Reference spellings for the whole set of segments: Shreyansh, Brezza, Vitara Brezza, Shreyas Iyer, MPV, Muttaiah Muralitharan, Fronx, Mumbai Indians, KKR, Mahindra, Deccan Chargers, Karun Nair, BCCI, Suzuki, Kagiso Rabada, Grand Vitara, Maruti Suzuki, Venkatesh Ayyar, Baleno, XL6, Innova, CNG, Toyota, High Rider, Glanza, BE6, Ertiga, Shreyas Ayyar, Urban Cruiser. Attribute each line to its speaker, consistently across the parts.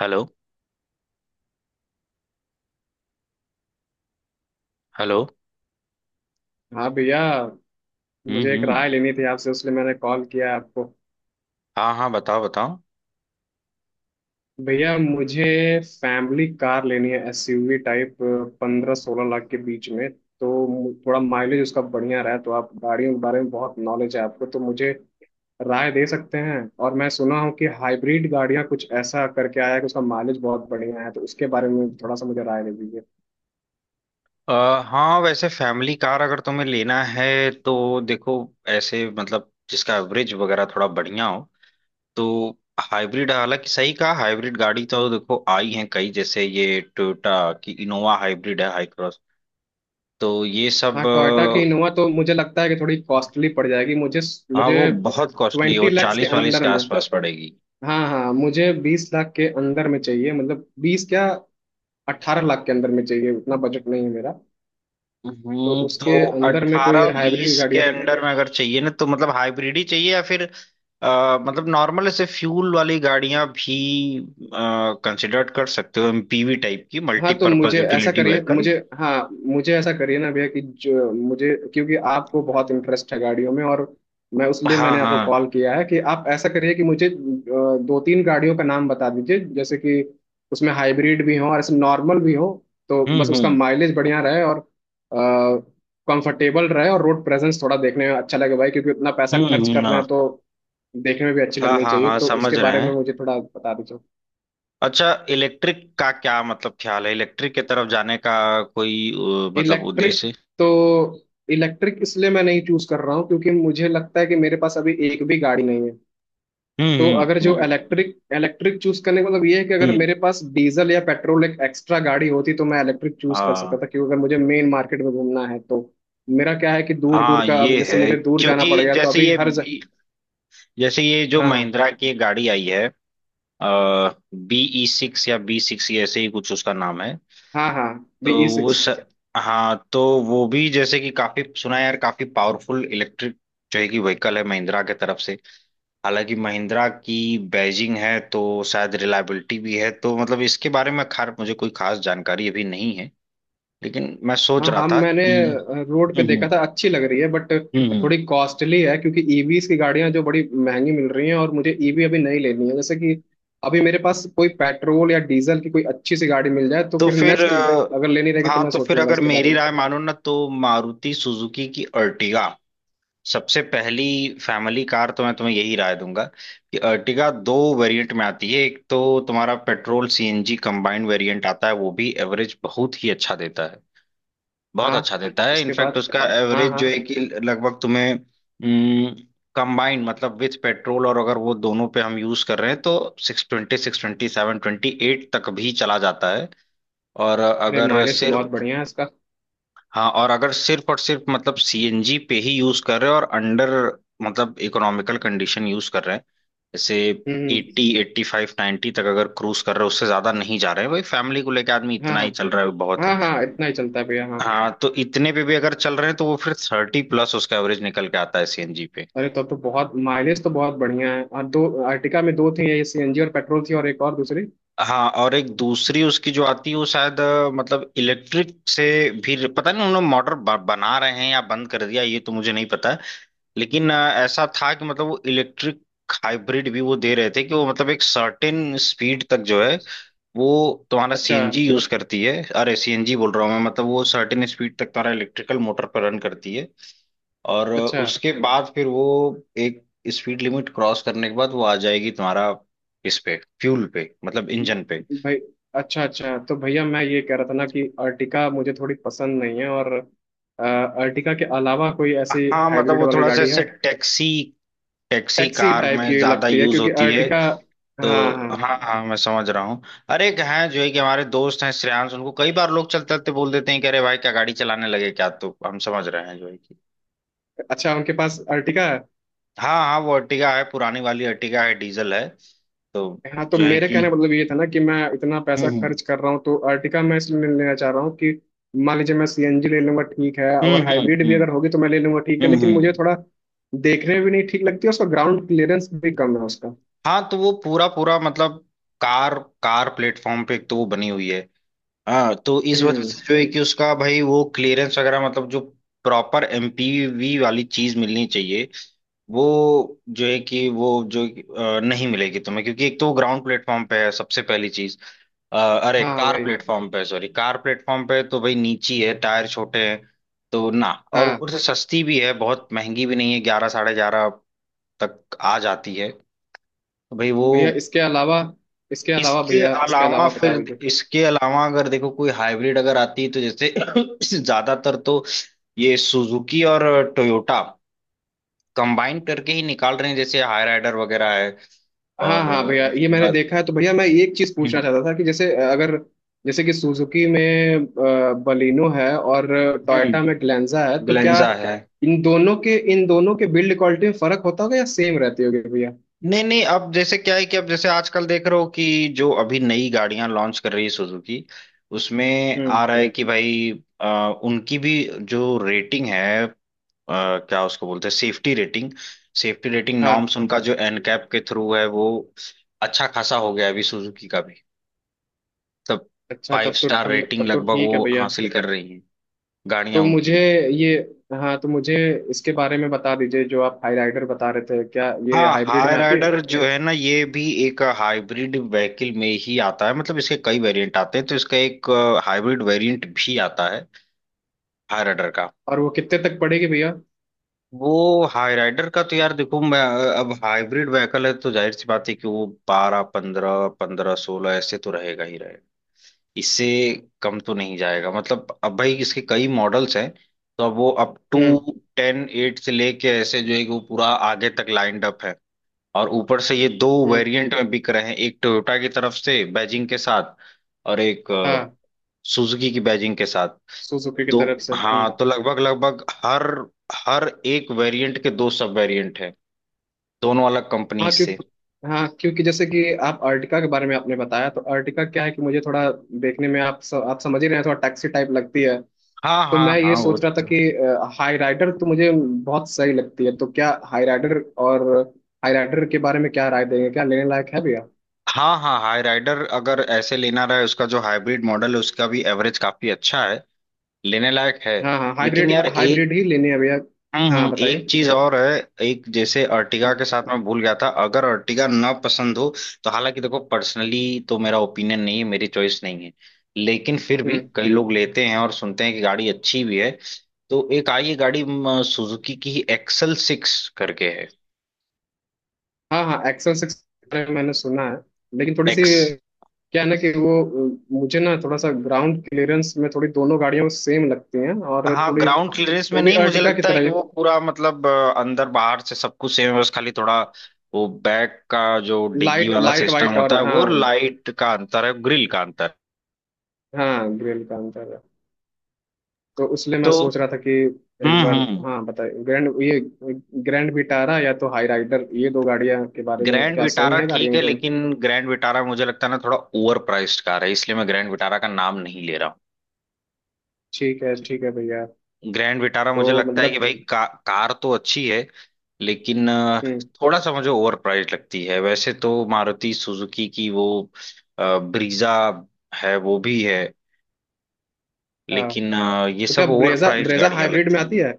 Speaker 1: Hello. Hello.
Speaker 2: हाँ भैया।
Speaker 1: हम्म।
Speaker 2: मुझे एक
Speaker 1: हम्म।
Speaker 2: राय लेनी थी आपसे, उसलिए मैंने कॉल किया आपको।
Speaker 1: हाँ, हाँ, बताओ, बताओ।
Speaker 2: भैया मुझे फैमिली कार लेनी है, एसयूवी टाइप, 15-16 लाख के बीच में। तो थोड़ा माइलेज उसका बढ़िया रहा है। तो आप गाड़ियों के बारे में बहुत नॉलेज है आपको, तो मुझे राय दे सकते हैं। और मैं सुना हूँ कि हाइब्रिड गाड़ियाँ कुछ ऐसा करके आया है कि उसका माइलेज बहुत बढ़िया है, तो उसके बारे में थोड़ा सा मुझे राय दे दीजिए।
Speaker 1: हाँ, वैसे फैमिली कार अगर तुम्हें लेना है तो देखो, ऐसे मतलब जिसका एवरेज वगैरह थोड़ा बढ़िया हो। तो हाइब्रिड, हालांकि सही कहा, हाइब्रिड गाड़ी तो देखो आई हैं कई, जैसे ये टोयोटा की इनोवा हाइब्रिड है, हाई क्रॉस। तो ये
Speaker 2: हाँ,
Speaker 1: सब
Speaker 2: टोयोटा की इनोवा तो मुझे लगता है कि थोड़ी कॉस्टली पड़ जाएगी मुझे।
Speaker 1: हाँ,
Speaker 2: मुझे
Speaker 1: वो बहुत कॉस्टली है, वो
Speaker 2: 20 लैक्स के
Speaker 1: चालीस वालीस
Speaker 2: अंडर
Speaker 1: के
Speaker 2: में।
Speaker 1: आसपास पड़ेगी।
Speaker 2: हाँ हाँ, मुझे 20 लाख के अंदर में चाहिए, मतलब बीस क्या, 18 लाख के अंदर में चाहिए। उतना बजट नहीं है मेरा। तो
Speaker 1: तो
Speaker 2: उसके अंदर में कोई
Speaker 1: अठारह
Speaker 2: हाइब्रिड
Speaker 1: बीस के
Speaker 2: गाड़ियाँ?
Speaker 1: अंडर में अगर चाहिए ना तो मतलब हाइब्रिड ही चाहिए या फिर मतलब नॉर्मल ऐसे फ्यूल वाली गाड़ियां भी कंसिडर कर सकते हो, एमपीवी टाइप की,
Speaker 2: हाँ, तो
Speaker 1: मल्टीपर्पज
Speaker 2: मुझे ऐसा
Speaker 1: यूटिलिटी
Speaker 2: करिए
Speaker 1: व्हीकल।
Speaker 2: मुझे। हाँ मुझे ऐसा करिए ना भैया कि जो मुझे, क्योंकि आपको बहुत इंटरेस्ट है गाड़ियों में, और मैं उसलिए
Speaker 1: हाँ,
Speaker 2: मैंने आपको
Speaker 1: हाँ।
Speaker 2: कॉल किया है कि आप ऐसा करिए कि मुझे दो तीन गाड़ियों का नाम बता दीजिए, जैसे कि उसमें हाइब्रिड भी हो और ऐसे नॉर्मल भी हो। तो बस
Speaker 1: हम्म।
Speaker 2: उसका
Speaker 1: हम्म।
Speaker 2: माइलेज बढ़िया रहे और कंफर्टेबल रहे और रोड प्रेजेंस थोड़ा देखने में अच्छा लगे भाई, क्योंकि इतना पैसा
Speaker 1: हम्म।
Speaker 2: खर्च कर रहे हैं तो
Speaker 1: हाँ।
Speaker 2: देखने में भी अच्छी
Speaker 1: हाँ,
Speaker 2: लगनी
Speaker 1: हाँ,
Speaker 2: चाहिए।
Speaker 1: हाँ,
Speaker 2: तो
Speaker 1: समझ
Speaker 2: उसके
Speaker 1: रहे
Speaker 2: बारे में
Speaker 1: हैं।
Speaker 2: मुझे थोड़ा बता दीजिए।
Speaker 1: अच्छा, इलेक्ट्रिक का क्या मतलब ख्याल है, इलेक्ट्रिक की तरफ जाने का कोई मतलब
Speaker 2: इलेक्ट्रिक?
Speaker 1: उद्देश्य है?
Speaker 2: तो इलेक्ट्रिक इसलिए मैं नहीं चूज कर रहा हूँ क्योंकि मुझे लगता है कि मेरे पास अभी एक भी गाड़ी नहीं है। तो
Speaker 1: हम्म।
Speaker 2: अगर
Speaker 1: हम्म।
Speaker 2: जो
Speaker 1: हम्म।
Speaker 2: इलेक्ट्रिक, इलेक्ट्रिक चूज करने का मतलब ये है कि अगर
Speaker 1: हम्म,
Speaker 2: मेरे पास डीजल या पेट्रोल एक एक्स्ट्रा गाड़ी होती तो मैं इलेक्ट्रिक चूज कर सकता
Speaker 1: हाँ।
Speaker 2: था, क्योंकि अगर मुझे मेन मार्केट में घूमना है तो मेरा क्या है कि दूर दूर
Speaker 1: हाँ
Speaker 2: का। अब
Speaker 1: ये
Speaker 2: जैसे
Speaker 1: है
Speaker 2: मुझे दूर जाना
Speaker 1: क्योंकि
Speaker 2: पड़ गया, तो
Speaker 1: जैसे
Speaker 2: अभी
Speaker 1: ये
Speaker 2: हर
Speaker 1: जैसे ये जो
Speaker 2: हाँ हाँ।
Speaker 1: महिंद्रा की एक गाड़ी आई है, बीई सिक्स या बी सिक्स ऐसे ही कुछ उसका नाम है।
Speaker 2: हाँ हाँ। बी
Speaker 1: तो
Speaker 2: ई
Speaker 1: वो
Speaker 2: सिक्स
Speaker 1: स... हाँ, तो वो भी जैसे कि काफी सुना है यार, काफी पावरफुल इलेक्ट्रिक जो है कि व्हीकल है महिंद्रा के तरफ से। हालांकि महिंद्रा की बैजिंग है तो शायद रिलायबिलिटी भी है, तो मतलब इसके बारे में खार मुझे कोई खास जानकारी अभी नहीं है, लेकिन मैं सोच
Speaker 2: हाँ
Speaker 1: रहा
Speaker 2: हम
Speaker 1: था
Speaker 2: मैंने
Speaker 1: कि
Speaker 2: रोड पे
Speaker 1: हम्म।
Speaker 2: देखा
Speaker 1: हम्म।
Speaker 2: था, अच्छी लग रही है, बट
Speaker 1: हम्म,
Speaker 2: थोड़ी कॉस्टली है, क्योंकि ईवीज की गाड़ियां जो बड़ी महंगी मिल रही हैं, और मुझे ईवी अभी नहीं लेनी है। जैसे कि अभी मेरे पास कोई पेट्रोल या डीजल की कोई अच्छी सी गाड़ी मिल जाए, तो
Speaker 1: तो
Speaker 2: फिर
Speaker 1: फिर
Speaker 2: नेक्स्ट अगर लेनी रहेगी तो
Speaker 1: हाँ,
Speaker 2: मैं
Speaker 1: तो फिर
Speaker 2: सोचूंगा
Speaker 1: अगर
Speaker 2: इसके बारे
Speaker 1: मेरी
Speaker 2: में।
Speaker 1: राय मानो ना तो मारुति सुजुकी की अर्टिगा सबसे पहली फैमिली कार तो मैं तुम्हें यही राय दूंगा कि अर्टिगा दो वेरिएंट में आती है। एक तो तुम्हारा पेट्रोल सीएनजी कंबाइंड वेरिएंट आता है, वो भी एवरेज बहुत ही अच्छा देता है, बहुत
Speaker 2: हाँ।
Speaker 1: अच्छा देता है।
Speaker 2: उसके
Speaker 1: इनफैक्ट
Speaker 2: बाद।
Speaker 1: उसका
Speaker 2: हाँ
Speaker 1: एवरेज
Speaker 2: हाँ।
Speaker 1: जो है कि लगभग तुम्हें कंबाइंड मतलब विथ पेट्रोल, और अगर वो दोनों पे हम यूज कर रहे हैं तो six twenty seven twenty eight तक भी चला जाता है। और
Speaker 2: अरे
Speaker 1: अगर
Speaker 2: माइलेज तो बहुत
Speaker 1: सिर्फ
Speaker 2: बढ़िया है इसका।
Speaker 1: हाँ, और अगर सिर्फ मतलब सीएनजी पे ही यूज कर रहे हैं और अंडर मतलब इकोनॉमिकल कंडीशन यूज कर रहे हैं, जैसे
Speaker 2: हम्म हम्म,
Speaker 1: 80 एट्टी फाइव नाइन्टी तक अगर क्रूज कर रहे हैं, उससे ज्यादा नहीं जा रहे हैं, भाई फैमिली को लेके आदमी
Speaker 2: हाँ
Speaker 1: इतना
Speaker 2: हाँ
Speaker 1: ही चल रहा है बहुत
Speaker 2: हाँ
Speaker 1: है।
Speaker 2: हाँ, इतना ही चलता है भैया, हाँ।
Speaker 1: हाँ, तो इतने पे भी अगर चल रहे हैं तो वो फिर 30 प्लस उसका एवरेज निकल के आता है सीएनजी पे।
Speaker 2: अरे तब तो, बहुत माइलेज तो बहुत बढ़िया है। और दो अर्टिका में दो थी, ये सीएनजी और पेट्रोल थी, और एक और दूसरी।
Speaker 1: हाँ, और एक दूसरी उसकी जो आती है वो शायद मतलब इलेक्ट्रिक से भी पता नहीं, उन्होंने मोटर बना रहे हैं या बंद कर दिया ये तो मुझे नहीं पता। लेकिन ऐसा था कि मतलब वो इलेक्ट्रिक हाइब्रिड भी वो दे रहे थे, कि वो मतलब एक सर्टेन स्पीड तक जो है वो तुम्हारा
Speaker 2: अच्छा
Speaker 1: सीएनजी यूज करती है। अरे सीएनजी बोल रहा हूँ मैं, मतलब वो सर्टेन स्पीड तक तुम्हारा इलेक्ट्रिकल मोटर पर रन करती है। और
Speaker 2: अच्छा।
Speaker 1: उसके बाद फिर वो एक स्पीड लिमिट क्रॉस करने के बाद वो आ जाएगी तुम्हारा इस पे फ्यूल पे मतलब इंजन पे।
Speaker 2: भाई अच्छा अच्छा, तो भैया मैं ये कह रहा था ना कि अर्टिका मुझे थोड़ी पसंद नहीं है। और अर्टिका के अलावा कोई ऐसी
Speaker 1: हाँ, मतलब
Speaker 2: हाइब्रिड
Speaker 1: वो
Speaker 2: वाली
Speaker 1: थोड़ा सा
Speaker 2: गाड़ी है?
Speaker 1: ऐसे taxi taxi
Speaker 2: taxi
Speaker 1: car
Speaker 2: type
Speaker 1: में
Speaker 2: की
Speaker 1: ज्यादा
Speaker 2: लगती है
Speaker 1: यूज
Speaker 2: क्योंकि
Speaker 1: होती है।
Speaker 2: अर्टिका। हाँ हाँ।
Speaker 1: तो हाँ, हाँ, मैं समझ रहा हूँ। अरे एक हैं जो है कि हमारे दोस्त हैं श्रेयांश, उनको कई बार लोग चलते चलते बोल देते हैं कि अरे भाई क्या गाड़ी चलाने लगे क्या, तो हम समझ रहे हैं जो है कि
Speaker 2: अच्छा, उनके पास अर्टिका है?
Speaker 1: हाँ, हाँ, वो अर्टिगा है, पुरानी वाली अर्टिगा है, डीजल है। तो
Speaker 2: हाँ, तो
Speaker 1: जो है
Speaker 2: मेरे
Speaker 1: कि
Speaker 2: कहने का मतलब ये था ना कि मैं इतना पैसा
Speaker 1: हम्म।
Speaker 2: खर्च कर रहा हूँ, तो अर्टिका मैं इसलिए नहीं लेना चाह रहा हूँ कि मान लीजिए मैं सीएनजी ले लूंगा ठीक है,
Speaker 1: हम्म।
Speaker 2: और
Speaker 1: हम्म।
Speaker 2: हाइब्रिड भी
Speaker 1: हम्म।
Speaker 2: अगर होगी तो मैं ले लूंगा ठीक है,
Speaker 1: हम्म।
Speaker 2: लेकिन
Speaker 1: हम्म।
Speaker 2: मुझे
Speaker 1: हम्म।
Speaker 2: थोड़ा देखने में भी नहीं ठीक लगती है, उसका ग्राउंड क्लियरेंस भी कम है उसका।
Speaker 1: हाँ, तो वो पूरा पूरा मतलब कार कार प्लेटफॉर्म पे एक तो वो बनी हुई है। हाँ, तो इस वजह
Speaker 2: हम्म।
Speaker 1: से जो है कि उसका भाई वो क्लियरेंस वगैरह मतलब जो प्रॉपर एमपीवी वाली चीज मिलनी चाहिए वो जो है कि वो जो नहीं मिलेगी तुम्हें, क्योंकि एक तो वो ग्राउंड प्लेटफॉर्म पे है सबसे पहली चीज। अरे
Speaker 2: हाँ
Speaker 1: कार
Speaker 2: वही।
Speaker 1: प्लेटफॉर्म पे, सॉरी कार प्लेटफॉर्म पे तो भाई नीची है, टायर छोटे हैं तो ना, और
Speaker 2: हाँ
Speaker 1: ऊपर से सस्ती भी है, बहुत महंगी भी नहीं है, 11, 11.5 तक आ जाती है। तो भाई वो
Speaker 2: भैया इसके अलावा, इसके अलावा
Speaker 1: इसके
Speaker 2: भैया, इसके
Speaker 1: अलावा
Speaker 2: अलावा
Speaker 1: फिर,
Speaker 2: बता दीजिए।
Speaker 1: इसके अलावा अगर देखो कोई हाइब्रिड अगर आती है तो जैसे ज्यादातर तो ये सुजुकी और टोयोटा कंबाइन करके ही निकाल रहे हैं, जैसे हाई राइडर वगैरह।
Speaker 2: हाँ
Speaker 1: और
Speaker 2: हाँ भैया, ये
Speaker 1: उसके
Speaker 2: मैंने
Speaker 1: बाद
Speaker 2: देखा है, तो भैया मैं एक चीज पूछना
Speaker 1: हम्म।
Speaker 2: चाहता था कि जैसे अगर जैसे कि सुजुकी में बलिनो है और
Speaker 1: हम्म।
Speaker 2: टोयोटा में ग्लैंजा है, तो क्या
Speaker 1: ग्लेंजा है।
Speaker 2: इन दोनों के बिल्ड क्वालिटी में फर्क होता होगा या सेम रहती होगी भैया?
Speaker 1: नहीं, नहीं, अब जैसे क्या है कि अब जैसे आजकल देख रहे हो कि जो अभी नई गाड़ियां लॉन्च कर रही है सुजुकी, उसमें
Speaker 2: हम्म।
Speaker 1: आ रहा है कि भाई अ, उनकी भी जो रेटिंग है, क्या उसको बोलते हैं सेफ्टी रेटिंग, सेफ्टी रेटिंग
Speaker 2: हाँ
Speaker 1: नॉर्म्स उनका जो एनकैप के थ्रू है वो अच्छा खासा हो गया है अभी सुजुकी का भी। मतलब
Speaker 2: अच्छा,
Speaker 1: फाइव
Speaker 2: तब तो
Speaker 1: स्टार
Speaker 2: ठीक
Speaker 1: रेटिंग
Speaker 2: तब तो
Speaker 1: लगभग
Speaker 2: ठीक है
Speaker 1: वो
Speaker 2: भैया।
Speaker 1: हासिल कर रही है
Speaker 2: तो
Speaker 1: गाड़ियां उनकी।
Speaker 2: मुझे ये। हाँ तो मुझे इसके बारे में बता दीजिए, जो आप हाई राइडर बता रहे थे, क्या ये
Speaker 1: हाँ,
Speaker 2: हाइब्रिड
Speaker 1: हाई
Speaker 2: में आती है?
Speaker 1: राइडर जो है ना, ये भी एक हाइब्रिड व्हीकल में ही आता है, मतलब इसके कई वेरिएंट आते हैं, तो इसका एक हाइब्रिड वेरिएंट भी आता है हाई राइडर का।
Speaker 2: और वो कितने तक पड़ेगी भैया?
Speaker 1: वो हाई राइडर का तो यार देखो मैं अब हाइब्रिड व्हीकल है तो जाहिर सी बात है कि वो 12, 15, 15, 16 ऐसे तो रहेगा ही रहेगा, इससे कम तो नहीं जाएगा। मतलब अब भाई इसके कई मॉडल्स हैं, तो अब वो अप टू
Speaker 2: हम्म
Speaker 1: टेन एट से लेके ऐसे जो है कि वो पूरा आगे तक लाइंड अप है। और ऊपर से ये दो
Speaker 2: हम्म।
Speaker 1: वेरिएंट में बिक रहे हैं, एक टोयोटा की तरफ से बैजिंग के साथ और एक
Speaker 2: हाँ
Speaker 1: सुजुकी की बैजिंग के साथ।
Speaker 2: सुजुकी की
Speaker 1: दो,
Speaker 2: तरफ से। हम्म।
Speaker 1: हाँ, तो लगभग लगभग हर हर एक वेरिएंट के दो सब वेरिएंट हैं, दोनों अलग कंपनी
Speaker 2: हाँ क्यों।
Speaker 1: से।
Speaker 2: हाँ क्योंकि जैसे कि आप अर्टिका के बारे में आपने बताया, तो अर्टिका क्या है कि मुझे थोड़ा देखने में आप आप समझ ही रहे हैं, थोड़ा टैक्सी टाइप लगती है।
Speaker 1: हाँ,
Speaker 2: तो
Speaker 1: हाँ,
Speaker 2: मैं
Speaker 1: हाँ,
Speaker 2: ये
Speaker 1: वो
Speaker 2: सोच रहा था
Speaker 1: तो
Speaker 2: कि हाई राइडर तो मुझे बहुत सही लगती है, तो क्या हाई राइडर, और हाई राइडर के बारे में क्या राय देंगे, क्या लेने लायक है भैया?
Speaker 1: हाँ, हाँ, हाई राइडर अगर ऐसे लेना रहे, उसका जो हाइब्रिड मॉडल है उसका भी एवरेज काफी अच्छा है, लेने लायक है।
Speaker 2: हाँ हाँ,
Speaker 1: लेकिन
Speaker 2: हाइब्रिड
Speaker 1: यार
Speaker 2: हाइब्रिड
Speaker 1: एक
Speaker 2: ही लेनी है भैया।
Speaker 1: हम्म,
Speaker 2: हाँ बताइए।
Speaker 1: एक चीज और है। एक जैसे अर्टिगा
Speaker 2: हाँ
Speaker 1: के साथ मैं भूल गया था, अगर अर्टिगा ना पसंद हो तो, हालांकि देखो पर्सनली तो मेरा ओपिनियन नहीं है, मेरी चॉइस नहीं है, लेकिन फिर भी
Speaker 2: हम्म।
Speaker 1: कई लोग लेते हैं और सुनते हैं कि गाड़ी अच्छी भी है, तो एक आई है गाड़ी, सुजुकी की ही, एक्सल सिक्स करके है।
Speaker 2: हाँ हाँ XL6 मैंने सुना है, लेकिन थोड़ी सी
Speaker 1: एक्स
Speaker 2: क्या है ना कि वो मुझे ना थोड़ा सा ग्राउंड क्लियरेंस में थोड़ी दोनों गाड़ियां सेम लगती हैं, और
Speaker 1: हाँ,
Speaker 2: थोड़ी
Speaker 1: ग्राउंड क्लियरेंस में
Speaker 2: वो भी
Speaker 1: नहीं, मुझे
Speaker 2: अर्टिका की
Speaker 1: लगता है कि
Speaker 2: तरह।
Speaker 1: वो पूरा मतलब अंदर बाहर से सब कुछ सेम है, बस खाली थोड़ा वो बैक का जो डिग्गी
Speaker 2: लाइट
Speaker 1: वाला
Speaker 2: लाइट
Speaker 1: सिस्टम
Speaker 2: वाइट,
Speaker 1: होता
Speaker 2: और
Speaker 1: है वो,
Speaker 2: हाँ,
Speaker 1: और लाइट का अंतर है, ग्रिल का
Speaker 2: हाँ ग्रिल का अंतर है। तो इसलिए मैं
Speaker 1: अंतर।
Speaker 2: सोच रहा था कि एक
Speaker 1: हम्म।
Speaker 2: बार।
Speaker 1: हम्म।
Speaker 2: हाँ बताइए, ग्रैंड ये, ग्रैंड विटारा या तो हाई राइडर, ये दो गाड़ियां के बारे में
Speaker 1: ग्रैंड
Speaker 2: क्या सही
Speaker 1: विटारा
Speaker 2: है गाड़ियां,
Speaker 1: ठीक
Speaker 2: ये
Speaker 1: है,
Speaker 2: दोनों?
Speaker 1: लेकिन ग्रैंड विटारा मुझे लगता है ना थोड़ा ओवर प्राइस्ड कार है, इसलिए मैं ग्रैंड विटारा का नाम नहीं ले रहा
Speaker 2: ठीक है भैया।
Speaker 1: हूँ। ग्रैंड विटारा
Speaker 2: तो
Speaker 1: मुझे लगता है कि
Speaker 2: मतलब।
Speaker 1: भाई कार तो अच्छी है, लेकिन
Speaker 2: हम्म।
Speaker 1: थोड़ा सा मुझे ओवर प्राइस्ड लगती है। वैसे तो मारुति सुजुकी की वो ब्रीजा है वो भी है,
Speaker 2: हाँ,
Speaker 1: लेकिन ये
Speaker 2: तो क्या
Speaker 1: सब ओवर
Speaker 2: ब्रेजा,
Speaker 1: प्राइस्ड
Speaker 2: ब्रेजा
Speaker 1: गाड़ियां
Speaker 2: हाइब्रिड में
Speaker 1: लगती
Speaker 2: आती
Speaker 1: हैं।
Speaker 2: है,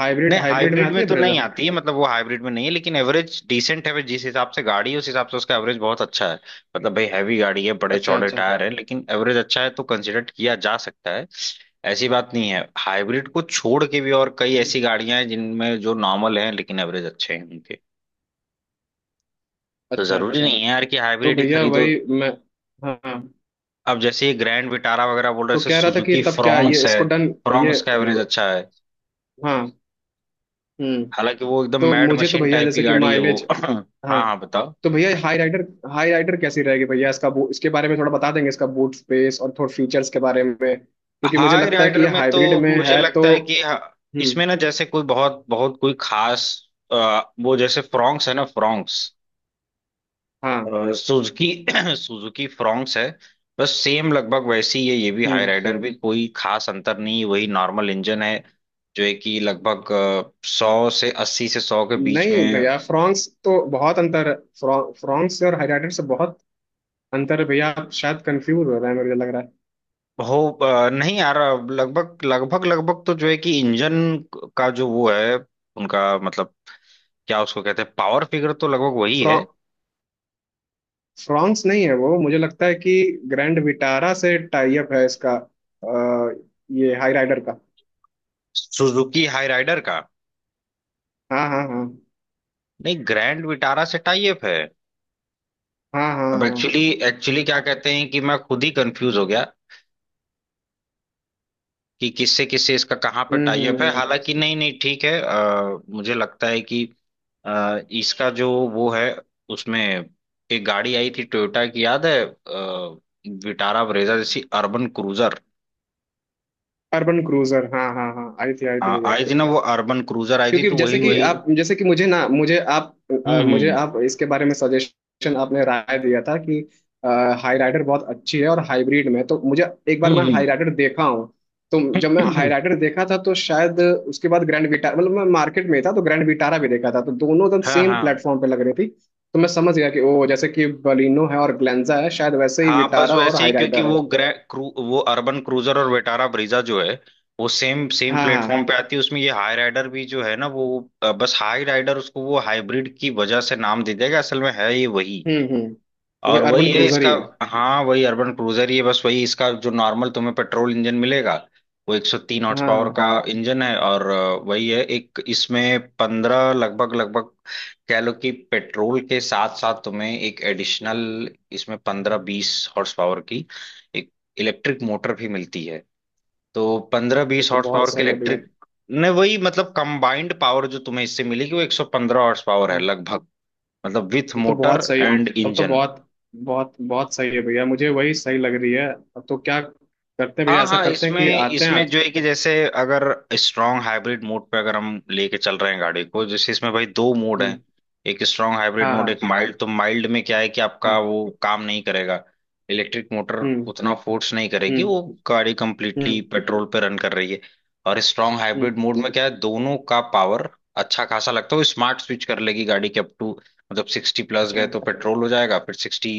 Speaker 2: हाइब्रिड
Speaker 1: नहीं,
Speaker 2: हाइब्रिड में
Speaker 1: हाइब्रिड
Speaker 2: आती
Speaker 1: में
Speaker 2: है
Speaker 1: तो
Speaker 2: ब्रेजा?
Speaker 1: नहीं आती है, मतलब वो हाइब्रिड में नहीं है, लेकिन एवरेज डिसेंट है, जिस हिसाब से गाड़ी है उस हिसाब से उसका एवरेज बहुत अच्छा है। मतलब भाई हैवी गाड़ी है, बड़े
Speaker 2: अच्छा
Speaker 1: चौड़े
Speaker 2: अच्छा।
Speaker 1: टायर है, लेकिन एवरेज अच्छा है, तो कंसिडर किया जा सकता है। ऐसी बात नहीं है, हाइब्रिड को छोड़ के भी और कई ऐसी गाड़ियां हैं जिनमें जो नॉर्मल हैं लेकिन एवरेज अच्छे हैं उनके, तो
Speaker 2: अच्छा
Speaker 1: जरूरी
Speaker 2: अच्छा,
Speaker 1: नहीं है यार कि
Speaker 2: तो
Speaker 1: हाइब्रिड ही
Speaker 2: भैया
Speaker 1: खरीदो।
Speaker 2: वही मैं। हाँ,
Speaker 1: अब जैसे ये ग्रैंड विटारा वगैरह बोल रहे
Speaker 2: तो
Speaker 1: थे,
Speaker 2: कह रहा था कि
Speaker 1: सुजुकी
Speaker 2: तब क्या ये
Speaker 1: फ्रॉन्क्स है,
Speaker 2: इसको डन ये।
Speaker 1: फ्रॉन्क्स का एवरेज अच्छा है।
Speaker 2: हाँ हम्म।
Speaker 1: हालांकि वो एकदम
Speaker 2: तो
Speaker 1: मैड
Speaker 2: मुझे तो
Speaker 1: मशीन
Speaker 2: भैया
Speaker 1: टाइप की
Speaker 2: जैसे कि
Speaker 1: गाड़ी है वो।
Speaker 2: माइलेज।
Speaker 1: हाँ,
Speaker 2: हाँ
Speaker 1: हाँ, बताओ।
Speaker 2: तो भैया हाई राइडर, हाई राइडर कैसी रहेगी भैया, इसका इसके बारे में थोड़ा बता देंगे, इसका बूट स्पेस और थोड़ा फीचर्स के बारे में, क्योंकि मुझे
Speaker 1: हाई
Speaker 2: लगता है कि
Speaker 1: राइडर
Speaker 2: ये
Speaker 1: में तो
Speaker 2: हाइब्रिड में
Speaker 1: मुझे
Speaker 2: है तो।
Speaker 1: लगता है कि हाँ,
Speaker 2: हम्म।
Speaker 1: इसमें ना जैसे कोई बहुत बहुत कोई खास वो जैसे फ्रॉन्क्स है ना, फ्रॉन्क्स
Speaker 2: हाँ।
Speaker 1: सुजुकी सुजुकी फ्रॉन्क्स है, बस सेम लगभग वैसी ही है ये भी, हाई
Speaker 2: हम्म।
Speaker 1: राइडर भी कोई खास अंतर नहीं है, वही नॉर्मल इंजन है जो है कि लगभग सौ से, अस्सी से सौ के बीच
Speaker 2: नहीं
Speaker 1: में
Speaker 2: भैया फ्रॉन्क्स तो बहुत अंतर है, फ्रॉन्क्स से और हाई राइडर से बहुत अंतर है भैया, आप शायद कंफ्यूज हो रहे हैं मुझे लग रहा
Speaker 1: हो। नहीं यार, अब लगभग लगभग लगभग तो जो है कि इंजन का जो वो है उनका मतलब, क्या उसको कहते हैं पावर फिगर, तो लगभग वही
Speaker 2: है।
Speaker 1: है।
Speaker 2: फ्रांस नहीं है वो, मुझे लगता है कि ग्रैंड विटारा से टाई अप है इसका, ये हाई राइडर का।
Speaker 1: सुजुकी हाई राइडर का,
Speaker 2: हाँ हाँ हाँ।
Speaker 1: नहीं, ग्रैंड विटारा से टाइप है।
Speaker 2: हाँ हाँ
Speaker 1: अब
Speaker 2: हाँ।
Speaker 1: एक्चुअली एक्चुअली क्या कहते हैं कि मैं खुद ही कंफ्यूज हो गया कि किससे किससे इसका कहाँ पे टाइप है।
Speaker 2: हम्म।
Speaker 1: हालांकि नहीं, नहीं, ठीक है, मुझे लगता है कि इसका जो वो है उसमें एक गाड़ी आई थी टोयोटा की, याद है विटारा ब्रेजा जैसी, अर्बन क्रूजर।
Speaker 2: अर्बन क्रूजर, हाँ हाँ हाँ, आई थी
Speaker 1: हाँ,
Speaker 2: भैया।
Speaker 1: आई थी ना वो अर्बन क्रूजर आई थी,
Speaker 2: क्योंकि
Speaker 1: तो
Speaker 2: जैसे
Speaker 1: वही
Speaker 2: कि
Speaker 1: वही।
Speaker 2: आप, जैसे कि मुझे ना, मुझे आप
Speaker 1: हम्म।
Speaker 2: मुझे
Speaker 1: हम्म।
Speaker 2: आप इसके बारे में सजेशन, आपने राय दिया था कि हाई राइडर बहुत अच्छी है और हाइब्रिड में, तो मुझे एक बार मैं
Speaker 1: हम्म।
Speaker 2: हाई
Speaker 1: हम्म।
Speaker 2: राइडर देखा हूँ। तो जब मैं हाई राइडर देखा था, तो शायद उसके बाद ग्रैंड विटारा, मतलब मैं मार्केट में था, तो ग्रैंड विटारा भी देखा था, तो दोनों एकदम
Speaker 1: हाँ,
Speaker 2: सेम
Speaker 1: हाँ,
Speaker 2: प्लेटफॉर्म पे लग रही थी। तो मैं समझ गया कि ओ जैसे कि बलिनो है और ग्लेंजा है, शायद वैसे ही
Speaker 1: हाँ, बस
Speaker 2: विटारा और
Speaker 1: वैसे ही,
Speaker 2: हाई
Speaker 1: क्योंकि
Speaker 2: राइडर है।
Speaker 1: वो ग्रे क्रू वो अर्बन क्रूजर और वेटारा ब्रीजा जो है वो सेम सेम
Speaker 2: हाँ
Speaker 1: प्लेटफॉर्म
Speaker 2: हाँ।
Speaker 1: पे आती है, उसमें ये हाई राइडर भी जो है ना वो बस हाई राइडर उसको वो हाइब्रिड की वजह से नाम दे देगा, असल में है ये वही,
Speaker 2: हम्म, वो
Speaker 1: और वही
Speaker 2: अर्बन
Speaker 1: है
Speaker 2: क्रूजर
Speaker 1: इसका।
Speaker 2: ही है।
Speaker 1: हाँ, वही अर्बन क्रूजर ही है, बस वही, इसका जो नॉर्मल तुम्हें पेट्रोल इंजन मिलेगा वो 103 हॉर्स
Speaker 2: हाँ।
Speaker 1: पावर
Speaker 2: हाँ
Speaker 1: का इंजन है। और वही है, एक इसमें पंद्रह लगभग लगभग कह लो कि पेट्रोल के साथ साथ तुम्हें एक एडिशनल इसमें 15-20 हॉर्स पावर की एक इलेक्ट्रिक मोटर भी मिलती है। तो पंद्रह
Speaker 2: तो,
Speaker 1: बीस
Speaker 2: तो
Speaker 1: हॉर्स
Speaker 2: बहुत
Speaker 1: पावर के
Speaker 2: सही है भैया।
Speaker 1: इलेक्ट्रिक ने वही मतलब कंबाइंड पावर जो तुम्हें इससे मिलेगी वो 115 हॉर्स पावर है
Speaker 2: हाँ।
Speaker 1: लगभग। मतलब विथ
Speaker 2: तब तो बहुत
Speaker 1: मोटर
Speaker 2: सही है,
Speaker 1: एंड
Speaker 2: तब तो
Speaker 1: इंजन।
Speaker 2: बहुत बहुत बहुत सही है भैया, मुझे वही सही लग रही है अब तो। क्या करते हैं भैया,
Speaker 1: हाँ,
Speaker 2: ऐसा
Speaker 1: हाँ,
Speaker 2: करते हैं
Speaker 1: इसमें
Speaker 2: कि आते हैं
Speaker 1: इसमें
Speaker 2: आज।
Speaker 1: जो है कि जैसे अगर स्ट्रांग हाइब्रिड मोड पे अगर हम लेके चल रहे हैं गाड़ी को, जैसे इसमें भाई दो मोड हैं,
Speaker 2: हम्म।
Speaker 1: एक स्ट्रांग हाइब्रिड
Speaker 2: हाँ
Speaker 1: मोड
Speaker 2: हाँ
Speaker 1: एक माइल्ड। तो माइल्ड में क्या है कि आपका
Speaker 2: हाँ।
Speaker 1: वो काम नहीं करेगा इलेक्ट्रिक मोटर,
Speaker 2: हम्म
Speaker 1: उतना फोर्स नहीं करेगी,
Speaker 2: हम्म
Speaker 1: वो गाड़ी कंप्लीटली
Speaker 2: हम्म
Speaker 1: पेट्रोल पे रन कर रही है। और स्ट्रांग
Speaker 2: हम्म।
Speaker 1: हाइब्रिड मोड में क्या है, दोनों का पावर अच्छा खासा लगता है, वो स्मार्ट स्विच कर लेगी गाड़ी के। अप टू मतलब 60 प्लस
Speaker 2: अच्छा।
Speaker 1: गए तो पेट्रोल हो जाएगा, फिर 60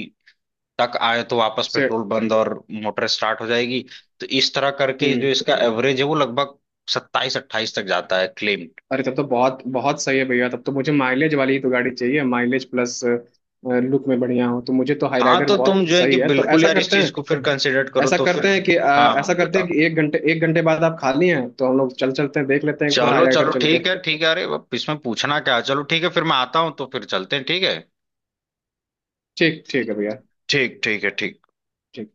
Speaker 1: तक आए तो वापस
Speaker 2: से।
Speaker 1: पेट्रोल बंद और मोटर स्टार्ट हो जाएगी। तो इस तरह करके
Speaker 2: हम्म।
Speaker 1: जो इसका एवरेज है वो लगभग 27-28 तक जाता है, क्लेम।
Speaker 2: अरे तब तो बहुत बहुत सही है भैया, तब तो मुझे माइलेज वाली ही तो गाड़ी चाहिए, माइलेज प्लस लुक में बढ़िया हो, तो मुझे तो हाई
Speaker 1: हाँ,
Speaker 2: राइडर
Speaker 1: तो
Speaker 2: बहुत
Speaker 1: तुम जो है कि
Speaker 2: सही है। तो
Speaker 1: बिल्कुल
Speaker 2: ऐसा
Speaker 1: यार, इस
Speaker 2: करते
Speaker 1: चीज
Speaker 2: हैं,
Speaker 1: को फिर कंसिडर करो
Speaker 2: ऐसा
Speaker 1: तो
Speaker 2: करते
Speaker 1: फिर
Speaker 2: हैं कि अ,
Speaker 1: हाँ,
Speaker 2: ऐसा
Speaker 1: हाँ,
Speaker 2: करते हैं
Speaker 1: बताओ।
Speaker 2: कि एक घंटे बाद आप खाली हैं, तो हम लोग चल चलते हैं, देख लेते हैं एक बार हाई
Speaker 1: चलो,
Speaker 2: राइडर
Speaker 1: चलो,
Speaker 2: चल के।
Speaker 1: ठीक है, ठीक है, अरे अब इसमें पूछना क्या है? चलो ठीक है, फिर मैं आता हूँ तो फिर चलते हैं, ठीक है।
Speaker 2: ठीक ठीक है भैया।
Speaker 1: ठीक, ठीक है, ठीक।
Speaker 2: ठीक।